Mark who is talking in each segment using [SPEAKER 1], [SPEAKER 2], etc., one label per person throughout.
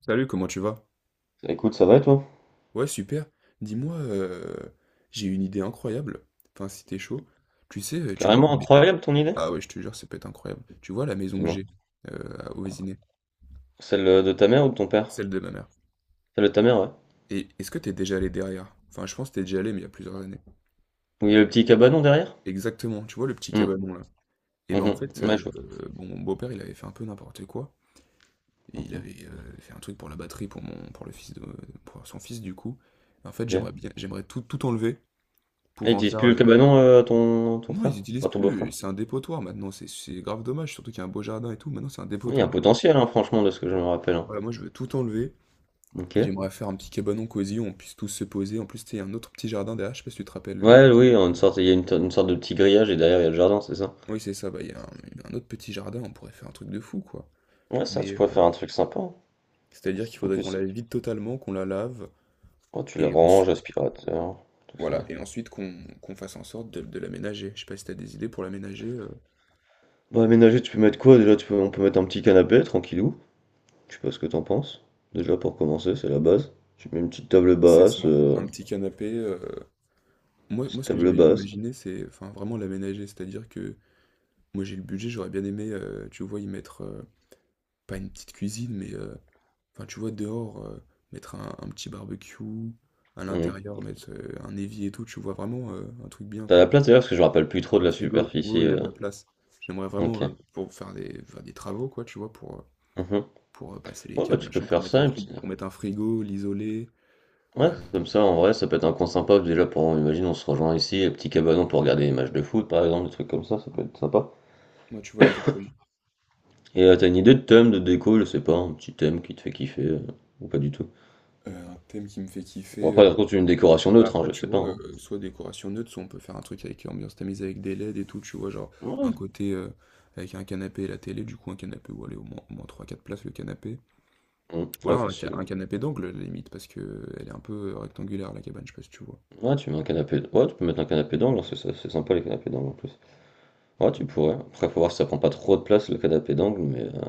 [SPEAKER 1] Salut, comment tu vas?
[SPEAKER 2] Écoute, ça va et toi?
[SPEAKER 1] Ouais, super. Dis-moi, j'ai une idée incroyable. Enfin, si t'es chaud. Tu sais, tu vois...
[SPEAKER 2] Carrément incroyable ton idée.
[SPEAKER 1] Ah ouais, je te jure, ça peut être incroyable. Tu vois la maison que
[SPEAKER 2] Dis-moi.
[SPEAKER 1] j'ai au Vésinet,
[SPEAKER 2] Celle de ta mère ou de ton père?
[SPEAKER 1] celle de ma mère.
[SPEAKER 2] Celle de ta mère, ouais.
[SPEAKER 1] Et est-ce que t'es déjà allé derrière? Enfin, je pense que t'es déjà allé, mais il y a plusieurs années.
[SPEAKER 2] Où il y a le petit cabanon derrière?
[SPEAKER 1] Exactement, tu vois le petit
[SPEAKER 2] Hum,
[SPEAKER 1] cabanon là. Et ben en
[SPEAKER 2] mhm.
[SPEAKER 1] fait,
[SPEAKER 2] Ouais, je vois.
[SPEAKER 1] bon, mon beau-père, il avait fait un peu n'importe quoi. Et il
[SPEAKER 2] Mhm.
[SPEAKER 1] avait fait un truc pour la batterie, pour le fils de, pour son fils du coup. En fait, j'aimerais
[SPEAKER 2] Bien.
[SPEAKER 1] bien, j'aimerais tout enlever
[SPEAKER 2] Et
[SPEAKER 1] pour
[SPEAKER 2] il
[SPEAKER 1] en
[SPEAKER 2] utilise
[SPEAKER 1] faire.
[SPEAKER 2] plus le cabanon, ton
[SPEAKER 1] Non,
[SPEAKER 2] frère?
[SPEAKER 1] ils utilisent
[SPEAKER 2] Enfin, ton beau-frère.
[SPEAKER 1] plus. C'est un dépotoir maintenant. C'est grave dommage, surtout qu'il y a un beau jardin et tout. Maintenant, c'est un
[SPEAKER 2] Il y a un
[SPEAKER 1] dépotoir.
[SPEAKER 2] potentiel, hein, franchement, de ce que je me
[SPEAKER 1] Voilà,
[SPEAKER 2] rappelle, hein.
[SPEAKER 1] Voilà, moi, je veux tout enlever.
[SPEAKER 2] Ok.
[SPEAKER 1] Et j'aimerais faire un petit cabanon cosy où on puisse tous se poser. En plus, tu sais, il y a un autre petit jardin derrière. Je sais pas si tu te rappelles.
[SPEAKER 2] Ouais, oui, en une sorte, il y a une sorte de petit grillage et derrière il y a le jardin, c'est ça?
[SPEAKER 1] Oui, c'est ça. Bah, il y a un autre petit jardin. On pourrait faire un truc de fou, quoi.
[SPEAKER 2] Ouais, ça,
[SPEAKER 1] Mais
[SPEAKER 2] tu pourrais faire un truc sympa, hein.
[SPEAKER 1] c'est-à-dire qu'il
[SPEAKER 2] En
[SPEAKER 1] faudrait qu'on
[SPEAKER 2] plus,
[SPEAKER 1] la vide totalement, qu'on la lave.
[SPEAKER 2] oh, tu le
[SPEAKER 1] Et
[SPEAKER 2] ranges,
[SPEAKER 1] ensuite,
[SPEAKER 2] aspirateur, tout
[SPEAKER 1] voilà.
[SPEAKER 2] ça.
[SPEAKER 1] Et ensuite, qu'on fasse en sorte de l'aménager. Je sais pas si tu as des idées pour l'aménager.
[SPEAKER 2] Bah, aménager, tu peux mettre quoi déjà? Tu peux, on peut mettre un petit canapé, tranquillou. Je sais pas ce que t'en penses. Déjà pour commencer, c'est la base. Tu mets une petite table
[SPEAKER 1] C'est ça.
[SPEAKER 2] basse,
[SPEAKER 1] Un petit canapé. Moi,
[SPEAKER 2] petite
[SPEAKER 1] ce que
[SPEAKER 2] table
[SPEAKER 1] j'avais
[SPEAKER 2] basse.
[SPEAKER 1] imaginé, c'est enfin, vraiment l'aménager. C'est-à-dire que moi, j'ai le budget, j'aurais bien aimé, tu vois, y mettre, pas une petite cuisine, mais, enfin, tu vois, dehors, mettre un petit barbecue, à
[SPEAKER 2] Mhm.
[SPEAKER 1] l'intérieur, mettre, un évier et tout, tu vois? Vraiment, un truc bien,
[SPEAKER 2] T'as la
[SPEAKER 1] quoi.
[SPEAKER 2] place d'ailleurs parce que je me rappelle plus trop de
[SPEAKER 1] Un
[SPEAKER 2] la
[SPEAKER 1] frigo. Oui,
[SPEAKER 2] superficie.
[SPEAKER 1] oui, il y a de la place. J'aimerais
[SPEAKER 2] Ok.
[SPEAKER 1] vraiment, pour faire des travaux, quoi, tu vois? Pour, heu,
[SPEAKER 2] Mhm.
[SPEAKER 1] pour, heu, passer les
[SPEAKER 2] Ouais, bah,
[SPEAKER 1] câbles,
[SPEAKER 2] tu peux
[SPEAKER 1] machin, pour
[SPEAKER 2] faire
[SPEAKER 1] mettre
[SPEAKER 2] ça.
[SPEAKER 1] un fri pour mettre un frigo, l'isoler,
[SPEAKER 2] Ouais,
[SPEAKER 1] heu,
[SPEAKER 2] comme ça en vrai, ça peut être un coin sympa déjà pour, imagine, on se rejoint ici, un petit cabanon pour regarder les matchs de foot par exemple, des trucs comme ça peut être sympa.
[SPEAKER 1] ouais, tu vois? Exactement.
[SPEAKER 2] Et t'as une idée de thème, de déco, je sais pas, un petit thème qui te fait kiffer ou pas du tout.
[SPEAKER 1] Un thème qui me fait
[SPEAKER 2] Bon
[SPEAKER 1] kiffer,
[SPEAKER 2] après, par contre, une décoration
[SPEAKER 1] bah
[SPEAKER 2] neutre, hein,
[SPEAKER 1] après,
[SPEAKER 2] je
[SPEAKER 1] tu
[SPEAKER 2] sais pas.
[SPEAKER 1] vois,
[SPEAKER 2] hein.
[SPEAKER 1] soit décoration neutre, soit on peut faire un truc avec ambiance tamisée avec des LED et tout, tu vois, genre un
[SPEAKER 2] Ouais.
[SPEAKER 1] côté avec un canapé et la télé, du coup un canapé où aller au moins 3-4 places le canapé.
[SPEAKER 2] Mhm.
[SPEAKER 1] Ou
[SPEAKER 2] Ouais,
[SPEAKER 1] alors
[SPEAKER 2] facile.
[SPEAKER 1] un
[SPEAKER 2] ouais.
[SPEAKER 1] canapé d'angle, à la limite, parce que elle est un peu rectangulaire la cabane, je sais pas si tu vois.
[SPEAKER 2] Ouais, tu mets un canapé. Ouais, tu peux mettre un canapé d'angle, hein, c'est sympa les canapés d'angle en plus. Ouais, tu pourrais. Après, faut voir si ça prend pas trop de place le canapé d'angle, mais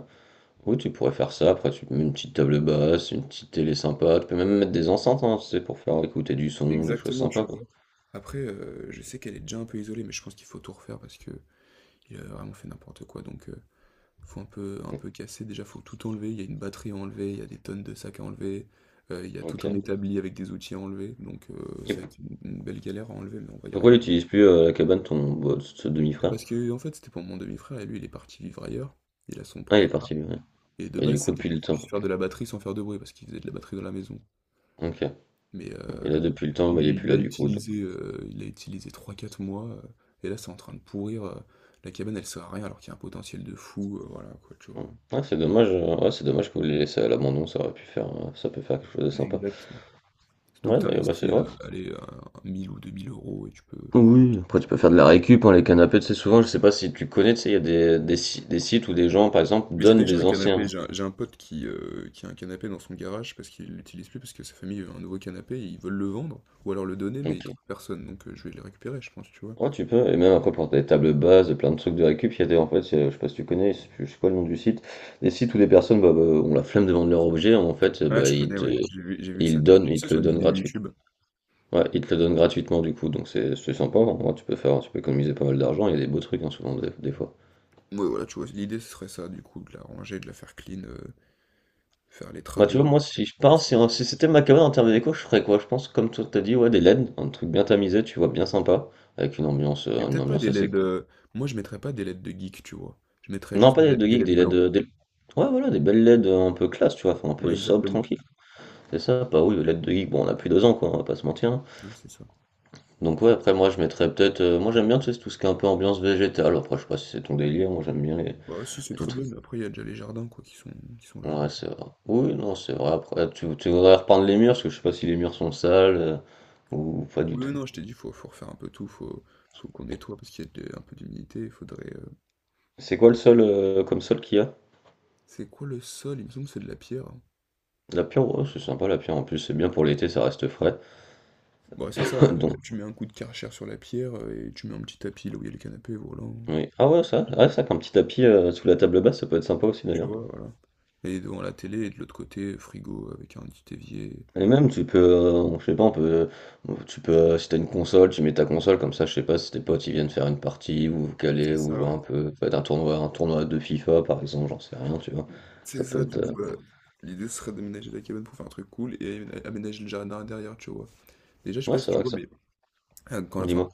[SPEAKER 2] oui, tu pourrais faire ça. Après, tu mets une petite table basse, une petite télé sympa. Tu peux même mettre des enceintes, hein, tu sais, pour faire écouter du son, des choses
[SPEAKER 1] Exactement,
[SPEAKER 2] sympas,
[SPEAKER 1] tu vois.
[SPEAKER 2] quoi.
[SPEAKER 1] Après, je sais qu'elle est déjà un peu isolée, mais je pense qu'il faut tout refaire parce que il a vraiment fait n'importe quoi. Donc, faut un peu casser, déjà faut tout enlever, il y a une batterie à enlever, il y a des tonnes de sacs à enlever, il y a tout un
[SPEAKER 2] Ok.
[SPEAKER 1] établi avec des outils à enlever, donc
[SPEAKER 2] Et
[SPEAKER 1] ça va être une belle galère à enlever, mais on va y
[SPEAKER 2] pourquoi il
[SPEAKER 1] arriver.
[SPEAKER 2] n'utilise plus la cabane ce demi-frère?
[SPEAKER 1] Parce que en fait, c'était pour mon demi-frère et lui, il est parti vivre ailleurs, il a son
[SPEAKER 2] Ah, il
[SPEAKER 1] propre
[SPEAKER 2] est parti,
[SPEAKER 1] appart
[SPEAKER 2] lui, ouais.
[SPEAKER 1] et de
[SPEAKER 2] Et du
[SPEAKER 1] base,
[SPEAKER 2] coup,
[SPEAKER 1] c'était
[SPEAKER 2] depuis
[SPEAKER 1] pour
[SPEAKER 2] le
[SPEAKER 1] qu'il
[SPEAKER 2] temps.
[SPEAKER 1] puisse faire
[SPEAKER 2] Ok.
[SPEAKER 1] de la batterie sans faire de bruit parce qu'il faisait de la batterie dans la maison.
[SPEAKER 2] Ok.
[SPEAKER 1] Mais
[SPEAKER 2] Et là, depuis le temps, bah, il est
[SPEAKER 1] lui, il
[SPEAKER 2] plus
[SPEAKER 1] l'a
[SPEAKER 2] là, du coup, donc,
[SPEAKER 1] utilisé, heu, il l'a utilisé 3, 4 mois, et là, c'est en train de pourrir, la cabane, elle sert à rien alors qu'il y a un potentiel de fou, voilà quoi, tu vois?
[SPEAKER 2] Ouais, Ouais, c'est dommage. Ouais, c'est dommage que vous l'ayez laissé à l'abandon. Ça aurait pu faire, ça peut faire quelque chose de sympa.
[SPEAKER 1] Exact. Surtout que
[SPEAKER 2] Ouais,
[SPEAKER 1] tu
[SPEAKER 2] d'ailleurs, bah, c'est
[SPEAKER 1] investis,
[SPEAKER 2] ouais,
[SPEAKER 1] allez, 1 ou 2 000 euros et tu peux faire un
[SPEAKER 2] Oui,
[SPEAKER 1] truc, que
[SPEAKER 2] après
[SPEAKER 1] tu
[SPEAKER 2] tu
[SPEAKER 1] vois?
[SPEAKER 2] peux faire de la récup, hein, les canapés, tu sais, souvent, je sais pas si tu connais, tu sais, il y a des, si- des sites où des gens, par exemple,
[SPEAKER 1] Mais j'ai
[SPEAKER 2] donnent
[SPEAKER 1] déjà
[SPEAKER 2] des
[SPEAKER 1] un
[SPEAKER 2] anciens.
[SPEAKER 1] canapé, j'ai un pote qui a un canapé dans son garage parce qu'il l'utilise plus parce que sa famille veut un nouveau canapé et ils veulent le vendre ou alors le donner mais ils
[SPEAKER 2] Ok.
[SPEAKER 1] trouvent personne donc je vais le récupérer je pense, tu vois?
[SPEAKER 2] Ouais, tu peux, et même après pour des tables basses, plein de trucs de récup, il y a des, en fait, je sais pas si tu connais, je sais pas le nom du site, des sites où des personnes bah, ont la flemme de vendre leur objet, en fait,
[SPEAKER 1] Ah
[SPEAKER 2] bah,
[SPEAKER 1] je
[SPEAKER 2] ils
[SPEAKER 1] connais,
[SPEAKER 2] te,
[SPEAKER 1] ouais, j'ai vu ça,
[SPEAKER 2] ils
[SPEAKER 1] j'ai
[SPEAKER 2] donnent,
[SPEAKER 1] vu
[SPEAKER 2] ils
[SPEAKER 1] ça
[SPEAKER 2] te
[SPEAKER 1] sur
[SPEAKER 2] le
[SPEAKER 1] une
[SPEAKER 2] donnent
[SPEAKER 1] vidéo
[SPEAKER 2] gratuitement.
[SPEAKER 1] YouTube.
[SPEAKER 2] Ouais, ils te le donnent gratuitement, du coup, donc c'est sympa, hein. Ouais, tu peux faire, tu peux économiser pas mal d'argent, il y a des beaux trucs, hein, souvent, des fois.
[SPEAKER 1] Ouais, voilà, tu vois? L'idée ce serait ça du coup, de la ranger, de la faire clean, faire les
[SPEAKER 2] Bah, tu
[SPEAKER 1] travaux.
[SPEAKER 2] vois, moi, si je pars, si c'était ma cabane en termes déco, je ferais quoi? Je pense, comme toi, t'as dit, ouais, des LED, un truc bien tamisé, tu vois, bien sympa, avec
[SPEAKER 1] Mais
[SPEAKER 2] une
[SPEAKER 1] peut-être pas
[SPEAKER 2] ambiance
[SPEAKER 1] des
[SPEAKER 2] assez
[SPEAKER 1] LED,
[SPEAKER 2] cool.
[SPEAKER 1] moi je mettrais pas des LED de geek, tu vois? Je mettrais
[SPEAKER 2] Non,
[SPEAKER 1] juste
[SPEAKER 2] pas des
[SPEAKER 1] des
[SPEAKER 2] LED
[SPEAKER 1] LED
[SPEAKER 2] de
[SPEAKER 1] des
[SPEAKER 2] geek,
[SPEAKER 1] LED
[SPEAKER 2] des LED.
[SPEAKER 1] blancs.
[SPEAKER 2] Ouais, voilà, des belles LED un peu classe, tu vois, enfin, un
[SPEAKER 1] Ouais,
[SPEAKER 2] peu sobre,
[SPEAKER 1] exactement.
[SPEAKER 2] tranquille. C'est ça, pas oui, les LED de geek, bon, on a plus 2 ans, quoi, on va pas se mentir, hein.
[SPEAKER 1] Ouais, c'est ça.
[SPEAKER 2] Donc, ouais, après, moi, je mettrais peut-être, moi, j'aime bien, tu sais, tout ce qui est un peu ambiance végétale. Après, je sais pas si c'est ton délire, moi, j'aime bien
[SPEAKER 1] Bah si, c'est
[SPEAKER 2] les
[SPEAKER 1] très bien,
[SPEAKER 2] trucs.
[SPEAKER 1] mais après, il y a déjà les jardins, quoi, qui sont là.
[SPEAKER 2] Ouais,
[SPEAKER 1] Donc,
[SPEAKER 2] c'est vrai. Oui, non, c'est vrai. Après, tu voudrais repeindre les murs, parce que je sais pas si les murs sont sales, ou pas du
[SPEAKER 1] oui, oui,
[SPEAKER 2] tout.
[SPEAKER 1] non, je t'ai dit, faut refaire un peu tout, faut qu'on nettoie, parce qu'il y a un peu d'humidité, il faudrait...
[SPEAKER 2] C'est quoi le sol comme sol qu'il y a?
[SPEAKER 1] C'est quoi le sol? Il me semble que c'est de la pierre, hein.
[SPEAKER 2] La pierre, ouais, c'est sympa la pierre. En plus, c'est bien pour l'été, ça reste frais.
[SPEAKER 1] Bah c'est ça, là, là,
[SPEAKER 2] Donc,
[SPEAKER 1] tu mets un coup de Karcher sur la pierre, et tu mets un petit tapis là où il y a le canapé, voilà.
[SPEAKER 2] oui. Ah ouais, ça, ah, ça, qu'un petit tapis sous la table basse, ça peut être sympa aussi
[SPEAKER 1] Tu
[SPEAKER 2] d'ailleurs.
[SPEAKER 1] vois, voilà. Et devant la télé, et de l'autre côté, frigo avec un petit évier.
[SPEAKER 2] Et même, tu peux, je sais pas, on peut, tu peux, si t'as une console, tu mets ta console comme ça. Je sais pas si tes potes ils viennent faire une partie ou vous caler
[SPEAKER 1] C'est
[SPEAKER 2] ou
[SPEAKER 1] ça,
[SPEAKER 2] jouer
[SPEAKER 1] ouais.
[SPEAKER 2] un peu, peut-être un tournoi de FIFA par exemple, j'en sais rien, tu vois. Ça
[SPEAKER 1] C'est
[SPEAKER 2] peut
[SPEAKER 1] ça, du
[SPEAKER 2] être,
[SPEAKER 1] coup, bah... L'idée serait d'aménager la cabane pour faire un truc cool et aménager le jardin derrière, tu vois. Déjà, je sais
[SPEAKER 2] ouais,
[SPEAKER 1] pas si
[SPEAKER 2] c'est
[SPEAKER 1] tu
[SPEAKER 2] vrai que
[SPEAKER 1] vois,
[SPEAKER 2] ça.
[SPEAKER 1] mais... ah, enfin,
[SPEAKER 2] Dis-moi.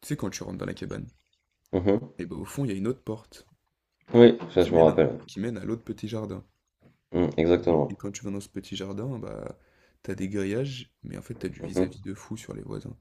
[SPEAKER 1] tu sais, quand tu rentres dans la cabane...
[SPEAKER 2] Mhm.
[SPEAKER 1] Et bah, au fond, il y a une autre porte
[SPEAKER 2] Oui, ça
[SPEAKER 1] qui
[SPEAKER 2] je me
[SPEAKER 1] mène à
[SPEAKER 2] rappelle.
[SPEAKER 1] qui mène à l'autre petit jardin.
[SPEAKER 2] Mm,
[SPEAKER 1] Mhm. Et
[SPEAKER 2] exactement.
[SPEAKER 1] quand tu vas dans ce petit jardin, bah, t'as des grillages, mais en fait, t'as du
[SPEAKER 2] Mhm.
[SPEAKER 1] vis-à-vis de fou sur les voisins.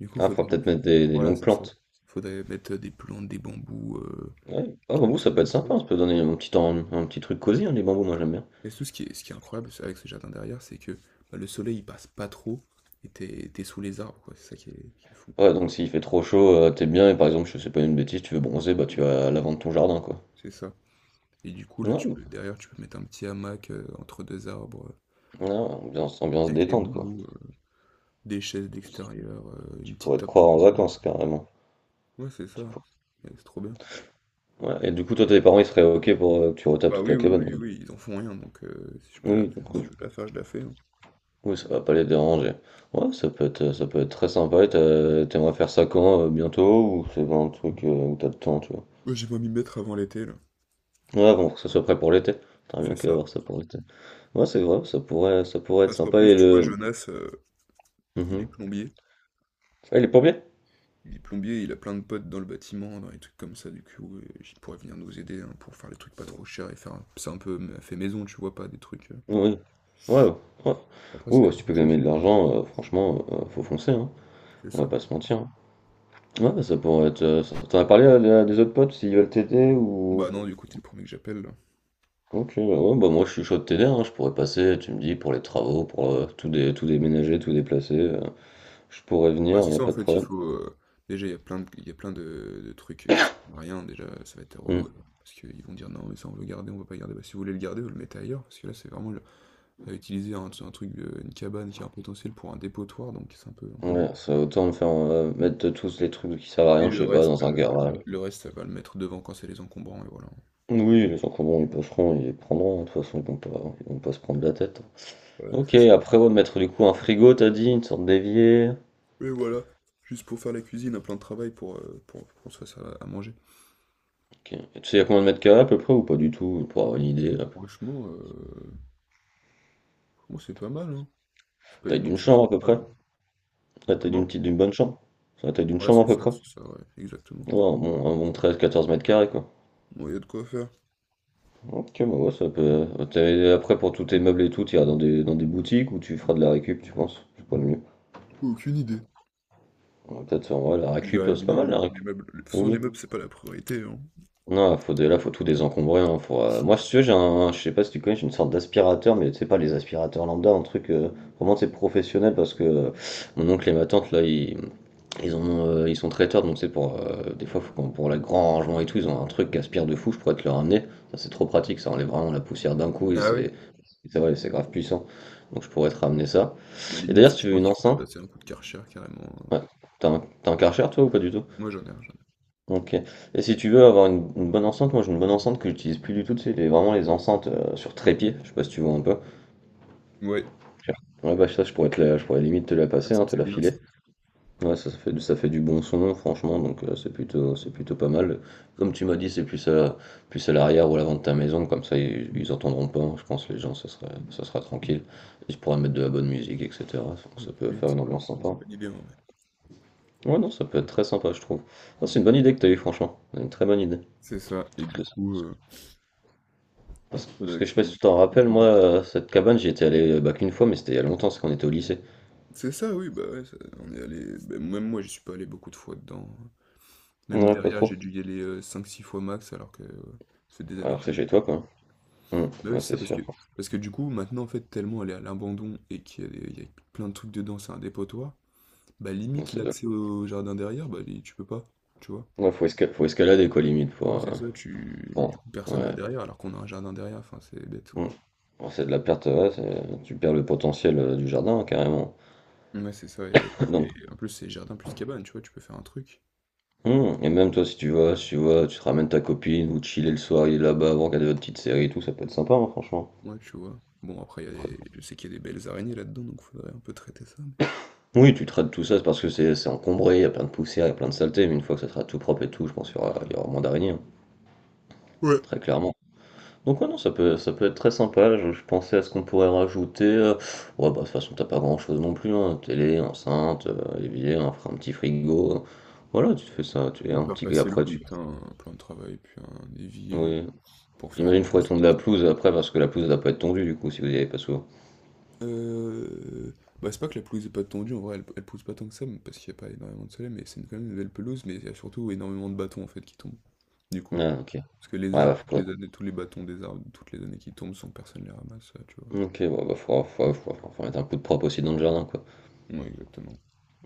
[SPEAKER 1] Du coup,
[SPEAKER 2] Ah, faut
[SPEAKER 1] faudrait
[SPEAKER 2] peut-être mettre des
[SPEAKER 1] voilà,
[SPEAKER 2] longues
[SPEAKER 1] c'est ça.
[SPEAKER 2] plantes.
[SPEAKER 1] Faudrait mettre des plantes, des bambous,
[SPEAKER 2] Ouais. Ah,
[SPEAKER 1] des
[SPEAKER 2] bambou, ça
[SPEAKER 1] trucs
[SPEAKER 2] peut être
[SPEAKER 1] comme ça,
[SPEAKER 2] sympa, ça peut donner un petit, temps, un petit truc cosy, hein, les bambous, moi
[SPEAKER 1] voilà.
[SPEAKER 2] j'aime bien.
[SPEAKER 1] Et tout ce qui est incroyable, c'est avec ce jardin derrière, c'est que, bah, le soleil, il passe pas trop et t'es sous les arbres, quoi. C'est ça qui est fou.
[SPEAKER 2] Ouais, donc s'il fait trop chaud, t'es bien, et par exemple, je sais pas une bêtise, tu veux bronzer, bah tu vas à l'avant de ton jardin, quoi.
[SPEAKER 1] C'est ça. Et du coup, là, tu
[SPEAKER 2] Non,
[SPEAKER 1] peux derrière, tu peux mettre un petit hamac, entre 2 arbres,
[SPEAKER 2] non, ambiance
[SPEAKER 1] avec les
[SPEAKER 2] détente, quoi.
[SPEAKER 1] bambous, des chaises d'extérieur,
[SPEAKER 2] Tu
[SPEAKER 1] une petite
[SPEAKER 2] pourrais te
[SPEAKER 1] table
[SPEAKER 2] croire
[SPEAKER 1] pour
[SPEAKER 2] en
[SPEAKER 1] couper.
[SPEAKER 2] vacances, carrément.
[SPEAKER 1] Ouais, c'est ça.
[SPEAKER 2] Tu pour-
[SPEAKER 1] Ouais, c'est trop bien.
[SPEAKER 2] Ouais, et du coup, toi, tes parents, ils seraient OK pour que tu retapes
[SPEAKER 1] Bah
[SPEAKER 2] toute
[SPEAKER 1] oui,
[SPEAKER 2] la
[SPEAKER 1] oui,
[SPEAKER 2] cabane,
[SPEAKER 1] oui,
[SPEAKER 2] quoi.
[SPEAKER 1] oui, ils en font rien, donc si je peux la
[SPEAKER 2] Oui,
[SPEAKER 1] faire,
[SPEAKER 2] donc, oui,
[SPEAKER 1] si je veux la faire, je la fais, hein.
[SPEAKER 2] Oui, ça va pas les déranger. Ouais, ça peut être très sympa, et t'aimerais faire ça quand, bientôt, ou c'est pas un truc où t'as le temps, tu vois.
[SPEAKER 1] Ouais, j'ai pas m'y mettre avant l'été, là.
[SPEAKER 2] Ouais, bon, faut que ça soit prêt pour l'été. T'aimerais bien
[SPEAKER 1] C'est ça.
[SPEAKER 2] qu'avoir ça pour l'été. Ouais, c'est vrai, ça pourrait être
[SPEAKER 1] Parce qu'en
[SPEAKER 2] sympa.
[SPEAKER 1] plus,
[SPEAKER 2] Et
[SPEAKER 1] tu vois,
[SPEAKER 2] le.
[SPEAKER 1] Jonas, il est
[SPEAKER 2] Mhm.
[SPEAKER 1] plombier.
[SPEAKER 2] Ah, il est plombier?
[SPEAKER 1] Il est plombier, il a plein de potes dans le bâtiment, dans les trucs comme ça, du coup, il pourrait venir nous aider hein, pour faire les trucs pas trop chers et faire un... C'est un peu fait maison, tu vois, pas des trucs...
[SPEAKER 2] Oui. Ouais, ouais. Ouais,
[SPEAKER 1] Après, c'est des
[SPEAKER 2] ouais, si tu peux gagner de
[SPEAKER 1] professionnels.
[SPEAKER 2] l'argent, franchement, faut foncer, hein.
[SPEAKER 1] C'est
[SPEAKER 2] On va
[SPEAKER 1] ça.
[SPEAKER 2] pas se mentir, hein. Ouais, bah, ça pourrait être. T'en as parlé à, des autres potes s'ils veulent t'aider ou.
[SPEAKER 1] Bah non, du coup, t'es le premier que j'appelle.
[SPEAKER 2] Ok, bah ouais, bah moi je suis chaud de t'aider, hein. Je pourrais passer, tu me dis, pour les travaux, pour tout, tout déménager, tout déplacer. Je pourrais venir,
[SPEAKER 1] Ouais,
[SPEAKER 2] il
[SPEAKER 1] c'est
[SPEAKER 2] n'y a
[SPEAKER 1] ça en
[SPEAKER 2] pas de
[SPEAKER 1] fait, il
[SPEAKER 2] problème.
[SPEAKER 1] faut. Déjà, il y a plein de, il y a plein de trucs qui servent à rien. Déjà, ça va être
[SPEAKER 2] Mm.
[SPEAKER 1] relou, hein. Parce qu'ils vont dire non, mais ça on veut garder, on veut pas garder. Bah, si vous voulez le garder, vous le mettez ailleurs. Parce que là, c'est vraiment utiliser un truc, une cabane qui a un potentiel pour un dépotoir. Donc c'est un peu
[SPEAKER 2] Ouais,
[SPEAKER 1] bête.
[SPEAKER 2] ça autant me faire mettre tous les trucs qui servent à
[SPEAKER 1] Et
[SPEAKER 2] rien, je
[SPEAKER 1] le
[SPEAKER 2] sais pas,
[SPEAKER 1] reste,
[SPEAKER 2] dans un
[SPEAKER 1] le,
[SPEAKER 2] garage.
[SPEAKER 1] le reste, ça va le mettre devant quand c'est les encombrants. Et voilà.
[SPEAKER 2] Oui, les gens qui ont bon, ils bosseront, ils prendront, hein, de toute façon, ils vont pas se prendre la tête.
[SPEAKER 1] Ouais,
[SPEAKER 2] hein. Ok,
[SPEAKER 1] c'est ça.
[SPEAKER 2] après, ouais, mettre du coup un frigo, t'as dit, une sorte d'évier.
[SPEAKER 1] Et voilà. Juste pour faire la cuisine, un plan de travail pour qu'on se fasse à manger.
[SPEAKER 2] Ok. Et tu sais, il y a combien de mètres carrés à peu près ou pas du tout, pour avoir une idée, la
[SPEAKER 1] Franchement, c'est pas mal, hein. C'est pas
[SPEAKER 2] taille d'une
[SPEAKER 1] immense, mais
[SPEAKER 2] chambre
[SPEAKER 1] c'est
[SPEAKER 2] à
[SPEAKER 1] pas
[SPEAKER 2] peu
[SPEAKER 1] mal,
[SPEAKER 2] près?
[SPEAKER 1] hein.
[SPEAKER 2] La taille d'une
[SPEAKER 1] Comment?
[SPEAKER 2] petite, d'une bonne chambre? C'est la taille d'une
[SPEAKER 1] Ouais,
[SPEAKER 2] chambre à peu près? Ouais,
[SPEAKER 1] c'est ça, ouais, exactement.
[SPEAKER 2] un bon 13, 14 m², quoi.
[SPEAKER 1] Bon il y a de quoi faire.
[SPEAKER 2] Ok, bah ouais, ça peut. Après, pour tous tes meubles et tout, tu iras dans des boutiques ou tu feras de la récup, tu penses? C'est pas le mieux.
[SPEAKER 1] Aucune idée.
[SPEAKER 2] Ouais, peut-être, en vrai, la
[SPEAKER 1] Je
[SPEAKER 2] récup,
[SPEAKER 1] verrais
[SPEAKER 2] c'est pas
[SPEAKER 1] bien
[SPEAKER 2] mal
[SPEAKER 1] hein,
[SPEAKER 2] la
[SPEAKER 1] pour les
[SPEAKER 2] récup.
[SPEAKER 1] meubles. De toute façon, les
[SPEAKER 2] Oui.
[SPEAKER 1] meubles, c'est pas la priorité, hein.
[SPEAKER 2] Non, faut de, là, faut tout désencombrer. Hein, faut, moi, si tu veux, j'ai un, je sais pas si tu connais, j'ai une sorte d'aspirateur, mais c'est pas les aspirateurs lambda, un truc vraiment c'est professionnel parce que mon oncle et ma tante là, ils ont, ils sont traiteurs, donc c'est pour des fois faut pour le grand rangement et tout, ils ont un truc qui aspire de fou, je pourrais te le ramener. Ça c'est trop pratique, ça enlève vraiment la poussière d'un coup et
[SPEAKER 1] Ah oui?
[SPEAKER 2] c'est vrai, c'est grave puissant. Donc je pourrais te ramener ça.
[SPEAKER 1] Bah
[SPEAKER 2] Et
[SPEAKER 1] limite,
[SPEAKER 2] d'ailleurs, si
[SPEAKER 1] je
[SPEAKER 2] tu veux
[SPEAKER 1] pense
[SPEAKER 2] une
[SPEAKER 1] qu'il faudrait
[SPEAKER 2] enceinte,
[SPEAKER 1] passer un coup de Karcher carrément, hein.
[SPEAKER 2] ouais, t'as un Karcher toi ou pas du tout?
[SPEAKER 1] Moi j'en ai un, j'en ai.
[SPEAKER 2] OK. Et si tu veux avoir une bonne enceinte, moi j'ai une bonne enceinte que j'utilise plus du tout, c'est vraiment les enceintes sur trépied, je sais pas si tu vois un peu.
[SPEAKER 1] Un. Ouais.
[SPEAKER 2] Ouais bah ça je pourrais te la, je pourrais limite te la
[SPEAKER 1] Ah,
[SPEAKER 2] passer, hein,
[SPEAKER 1] ça
[SPEAKER 2] te
[SPEAKER 1] c'est
[SPEAKER 2] la
[SPEAKER 1] bien
[SPEAKER 2] filer.
[SPEAKER 1] ça.
[SPEAKER 2] Ouais ça, ça fait, ça fait du bon son franchement, donc c'est plutôt pas mal. Comme tu m'as dit, c'est plus à plus à l'arrière ou à l'avant de ta maison, comme ça ils entendront pas, hein, je pense les gens ça sera tranquille. Ils pourraient mettre de la bonne musique, etc. Donc ça
[SPEAKER 1] Ouais, c'est
[SPEAKER 2] peut
[SPEAKER 1] bien
[SPEAKER 2] faire une
[SPEAKER 1] ça.
[SPEAKER 2] ambiance sympa.
[SPEAKER 1] Bonne idée en vrai.
[SPEAKER 2] Ouais non ça peut être très sympa je trouve. Non, c'est une bonne idée que t'as eu franchement, une très bonne idée.
[SPEAKER 1] C'est ça. Et du coup,
[SPEAKER 2] Parce que parce
[SPEAKER 1] faudrait
[SPEAKER 2] que je sais
[SPEAKER 1] que
[SPEAKER 2] pas si
[SPEAKER 1] je-
[SPEAKER 2] tu t'en
[SPEAKER 1] que
[SPEAKER 2] rappelles,
[SPEAKER 1] je
[SPEAKER 2] moi,
[SPEAKER 1] note.
[SPEAKER 2] cette cabane, j'y étais allé bah, qu'une fois, mais c'était il y a longtemps, c'est quand on était au lycée.
[SPEAKER 1] C'est ça, oui, bah ouais, on est allé. Bah, même moi, je suis pas allé beaucoup de fois dedans, hein. Même
[SPEAKER 2] Ouais, pas
[SPEAKER 1] derrière,
[SPEAKER 2] trop.
[SPEAKER 1] j'ai dû y aller 5-6 fois max, alors que c'est des années
[SPEAKER 2] Alors
[SPEAKER 1] que
[SPEAKER 2] que
[SPEAKER 1] j'y
[SPEAKER 2] c'est
[SPEAKER 1] vais.
[SPEAKER 2] chez toi, quoi.
[SPEAKER 1] Bah oui,
[SPEAKER 2] Ouais,
[SPEAKER 1] c'est ça,
[SPEAKER 2] c'est
[SPEAKER 1] parce
[SPEAKER 2] sûr.
[SPEAKER 1] que, parce que du coup, maintenant, en fait, tellement elle est à l'abandon et qu'il y a plein de trucs dedans, c'est un dépotoir, bah
[SPEAKER 2] Bon,
[SPEAKER 1] limite
[SPEAKER 2] c'est de-
[SPEAKER 1] l'accès au jardin derrière, bah tu peux pas, tu vois.
[SPEAKER 2] ouais, faut, faut escalader, quoi, limite,
[SPEAKER 1] Moi,
[SPEAKER 2] pour...
[SPEAKER 1] c'est ça, tu... du coup, personne
[SPEAKER 2] Ouais.
[SPEAKER 1] va derrière alors qu'on a un jardin derrière, enfin, c'est bête,
[SPEAKER 2] Hum.
[SPEAKER 1] quoi.
[SPEAKER 2] Bon, c'est de la perte, ouais, tu perds le potentiel du jardin, hein, carrément.
[SPEAKER 1] Ouais, c'est ça, et,
[SPEAKER 2] Donc,
[SPEAKER 1] et en plus, c'est jardin plus cabane, tu vois, tu peux faire un truc.
[SPEAKER 2] et même toi, si tu vas, tu te ramènes ta copine, ou chiller le soir, il est là-bas, vous regardez votre petite série et tout, ça peut être sympa, hein, franchement.
[SPEAKER 1] Ouais, tu vois. Bon, après, il y a je sais qu'il y a des belles araignées là-dedans, donc faudrait un peu traiter ça.
[SPEAKER 2] Oui, tu traites tout ça, c'est parce que c'est encombré, il y a plein de poussière, il y a plein de saleté, mais une fois que ça sera tout propre et tout, je pense qu'il y aura moins d'araignées, hein,
[SPEAKER 1] Ouais.
[SPEAKER 2] très clairement. Donc ouais, non, ça peut être très sympa, je pensais à ce qu'on pourrait rajouter. Ouais, bah de toute façon, t'as pas grand-chose non plus, hein, télé, enceinte, évier, un petit frigo. Voilà, tu te fais ça, tu es
[SPEAKER 1] Faut
[SPEAKER 2] un
[SPEAKER 1] faire
[SPEAKER 2] petit...
[SPEAKER 1] passer le
[SPEAKER 2] Après,
[SPEAKER 1] pour
[SPEAKER 2] tu...
[SPEAKER 1] mettre un plan de travail, puis un évier,
[SPEAKER 2] Oui,
[SPEAKER 1] pour faire
[SPEAKER 2] j'imagine
[SPEAKER 1] un...
[SPEAKER 2] qu'il faudrait tondre la pelouse après, parce que la pelouse, elle doit pas être tondue, du coup, si vous y avez pas souvent.
[SPEAKER 1] Euh... Bah, c'est pas que la pelouse est pas tendue, en vrai, elle pousse pas tant que ça, parce qu'il y a pas énormément de soleil, mais c'est quand même une belle pelouse, mais il y a surtout énormément de bâtons, en fait, qui tombent, du coup.
[SPEAKER 2] Ah, ok. Ouais,
[SPEAKER 1] Parce que les
[SPEAKER 2] bah,
[SPEAKER 1] arbres, toutes les années, tous les bâtons des arbres, toutes les années qui tombent, sans que personne les ramasse, ça, tu vois.
[SPEAKER 2] Ok, ouais, bah, faut mettre un coup de propre aussi dans le jardin, quoi.
[SPEAKER 1] Ouais, exactement.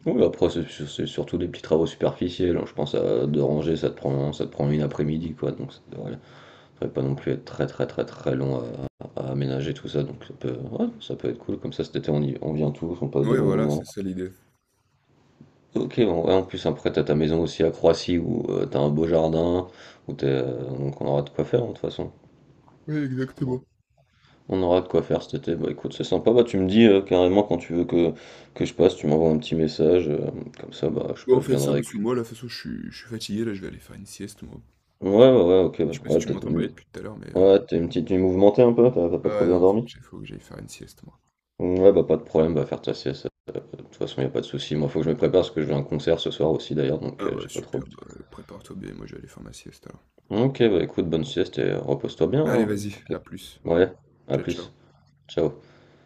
[SPEAKER 2] Oui, après, c'est surtout des petits travaux superficiels, hein. Je pense à de ranger, ça te prend une après-midi, quoi. Donc, ça devrait pas non plus être très, très, très, très long à aménager tout ça. Donc, ça peut, ouais, ça peut être cool. Comme ça, cet été, on vient tous, on passe des
[SPEAKER 1] Ouais,
[SPEAKER 2] bons
[SPEAKER 1] voilà,
[SPEAKER 2] moments.
[SPEAKER 1] c'est ça l'idée.
[SPEAKER 2] Ok, bon, ouais, en plus, après, t'as ta maison aussi à Croatie où t'as un beau jardin, où t'es, donc on aura de quoi faire, hein, de toute façon.
[SPEAKER 1] Ouais,
[SPEAKER 2] Bon.
[SPEAKER 1] exactement.
[SPEAKER 2] On aura de quoi faire cet été. Bah, écoute, c'est sympa. Bah, tu me dis carrément quand tu veux que je passe, tu m'envoies un petit message. Comme ça, bah, je sais
[SPEAKER 1] Bon,
[SPEAKER 2] pas,
[SPEAKER 1] on
[SPEAKER 2] je
[SPEAKER 1] fait ça
[SPEAKER 2] viendrai.
[SPEAKER 1] parce que moi, là, de toute façon, je suis fatigué, là, je vais aller faire une sieste, moi.
[SPEAKER 2] Ouais, ouais, ouais, ok, bah,
[SPEAKER 1] Je sais pas si
[SPEAKER 2] ouais,
[SPEAKER 1] tu
[SPEAKER 2] peut-être
[SPEAKER 1] m'entends bailler
[SPEAKER 2] une...
[SPEAKER 1] depuis tout à l'heure, mais...
[SPEAKER 2] Ouais, t'es une petite nuit mouvementée un peu, t'as pas trop
[SPEAKER 1] Ah
[SPEAKER 2] bien
[SPEAKER 1] non, faut que
[SPEAKER 2] dormi?
[SPEAKER 1] j'aille faut que j'aille faire une sieste, moi.
[SPEAKER 2] Ouais, bah pas de problème, va faire ta sieste, de toute façon y a pas de souci. Moi faut que je me prépare parce que je vais à un concert ce soir aussi d'ailleurs, donc
[SPEAKER 1] Ah bah
[SPEAKER 2] j'ai pas trop le
[SPEAKER 1] super, bah, prépare-toi bien, moi je vais aller faire ma sieste alors.
[SPEAKER 2] temps. Ok, bah écoute, bonne sieste et repose-toi bien.
[SPEAKER 1] Allez,
[SPEAKER 2] hein.
[SPEAKER 1] vas-y,
[SPEAKER 2] Ok.
[SPEAKER 1] à plus.
[SPEAKER 2] Ouais, à
[SPEAKER 1] Ciao,
[SPEAKER 2] plus,
[SPEAKER 1] ciao.
[SPEAKER 2] ciao.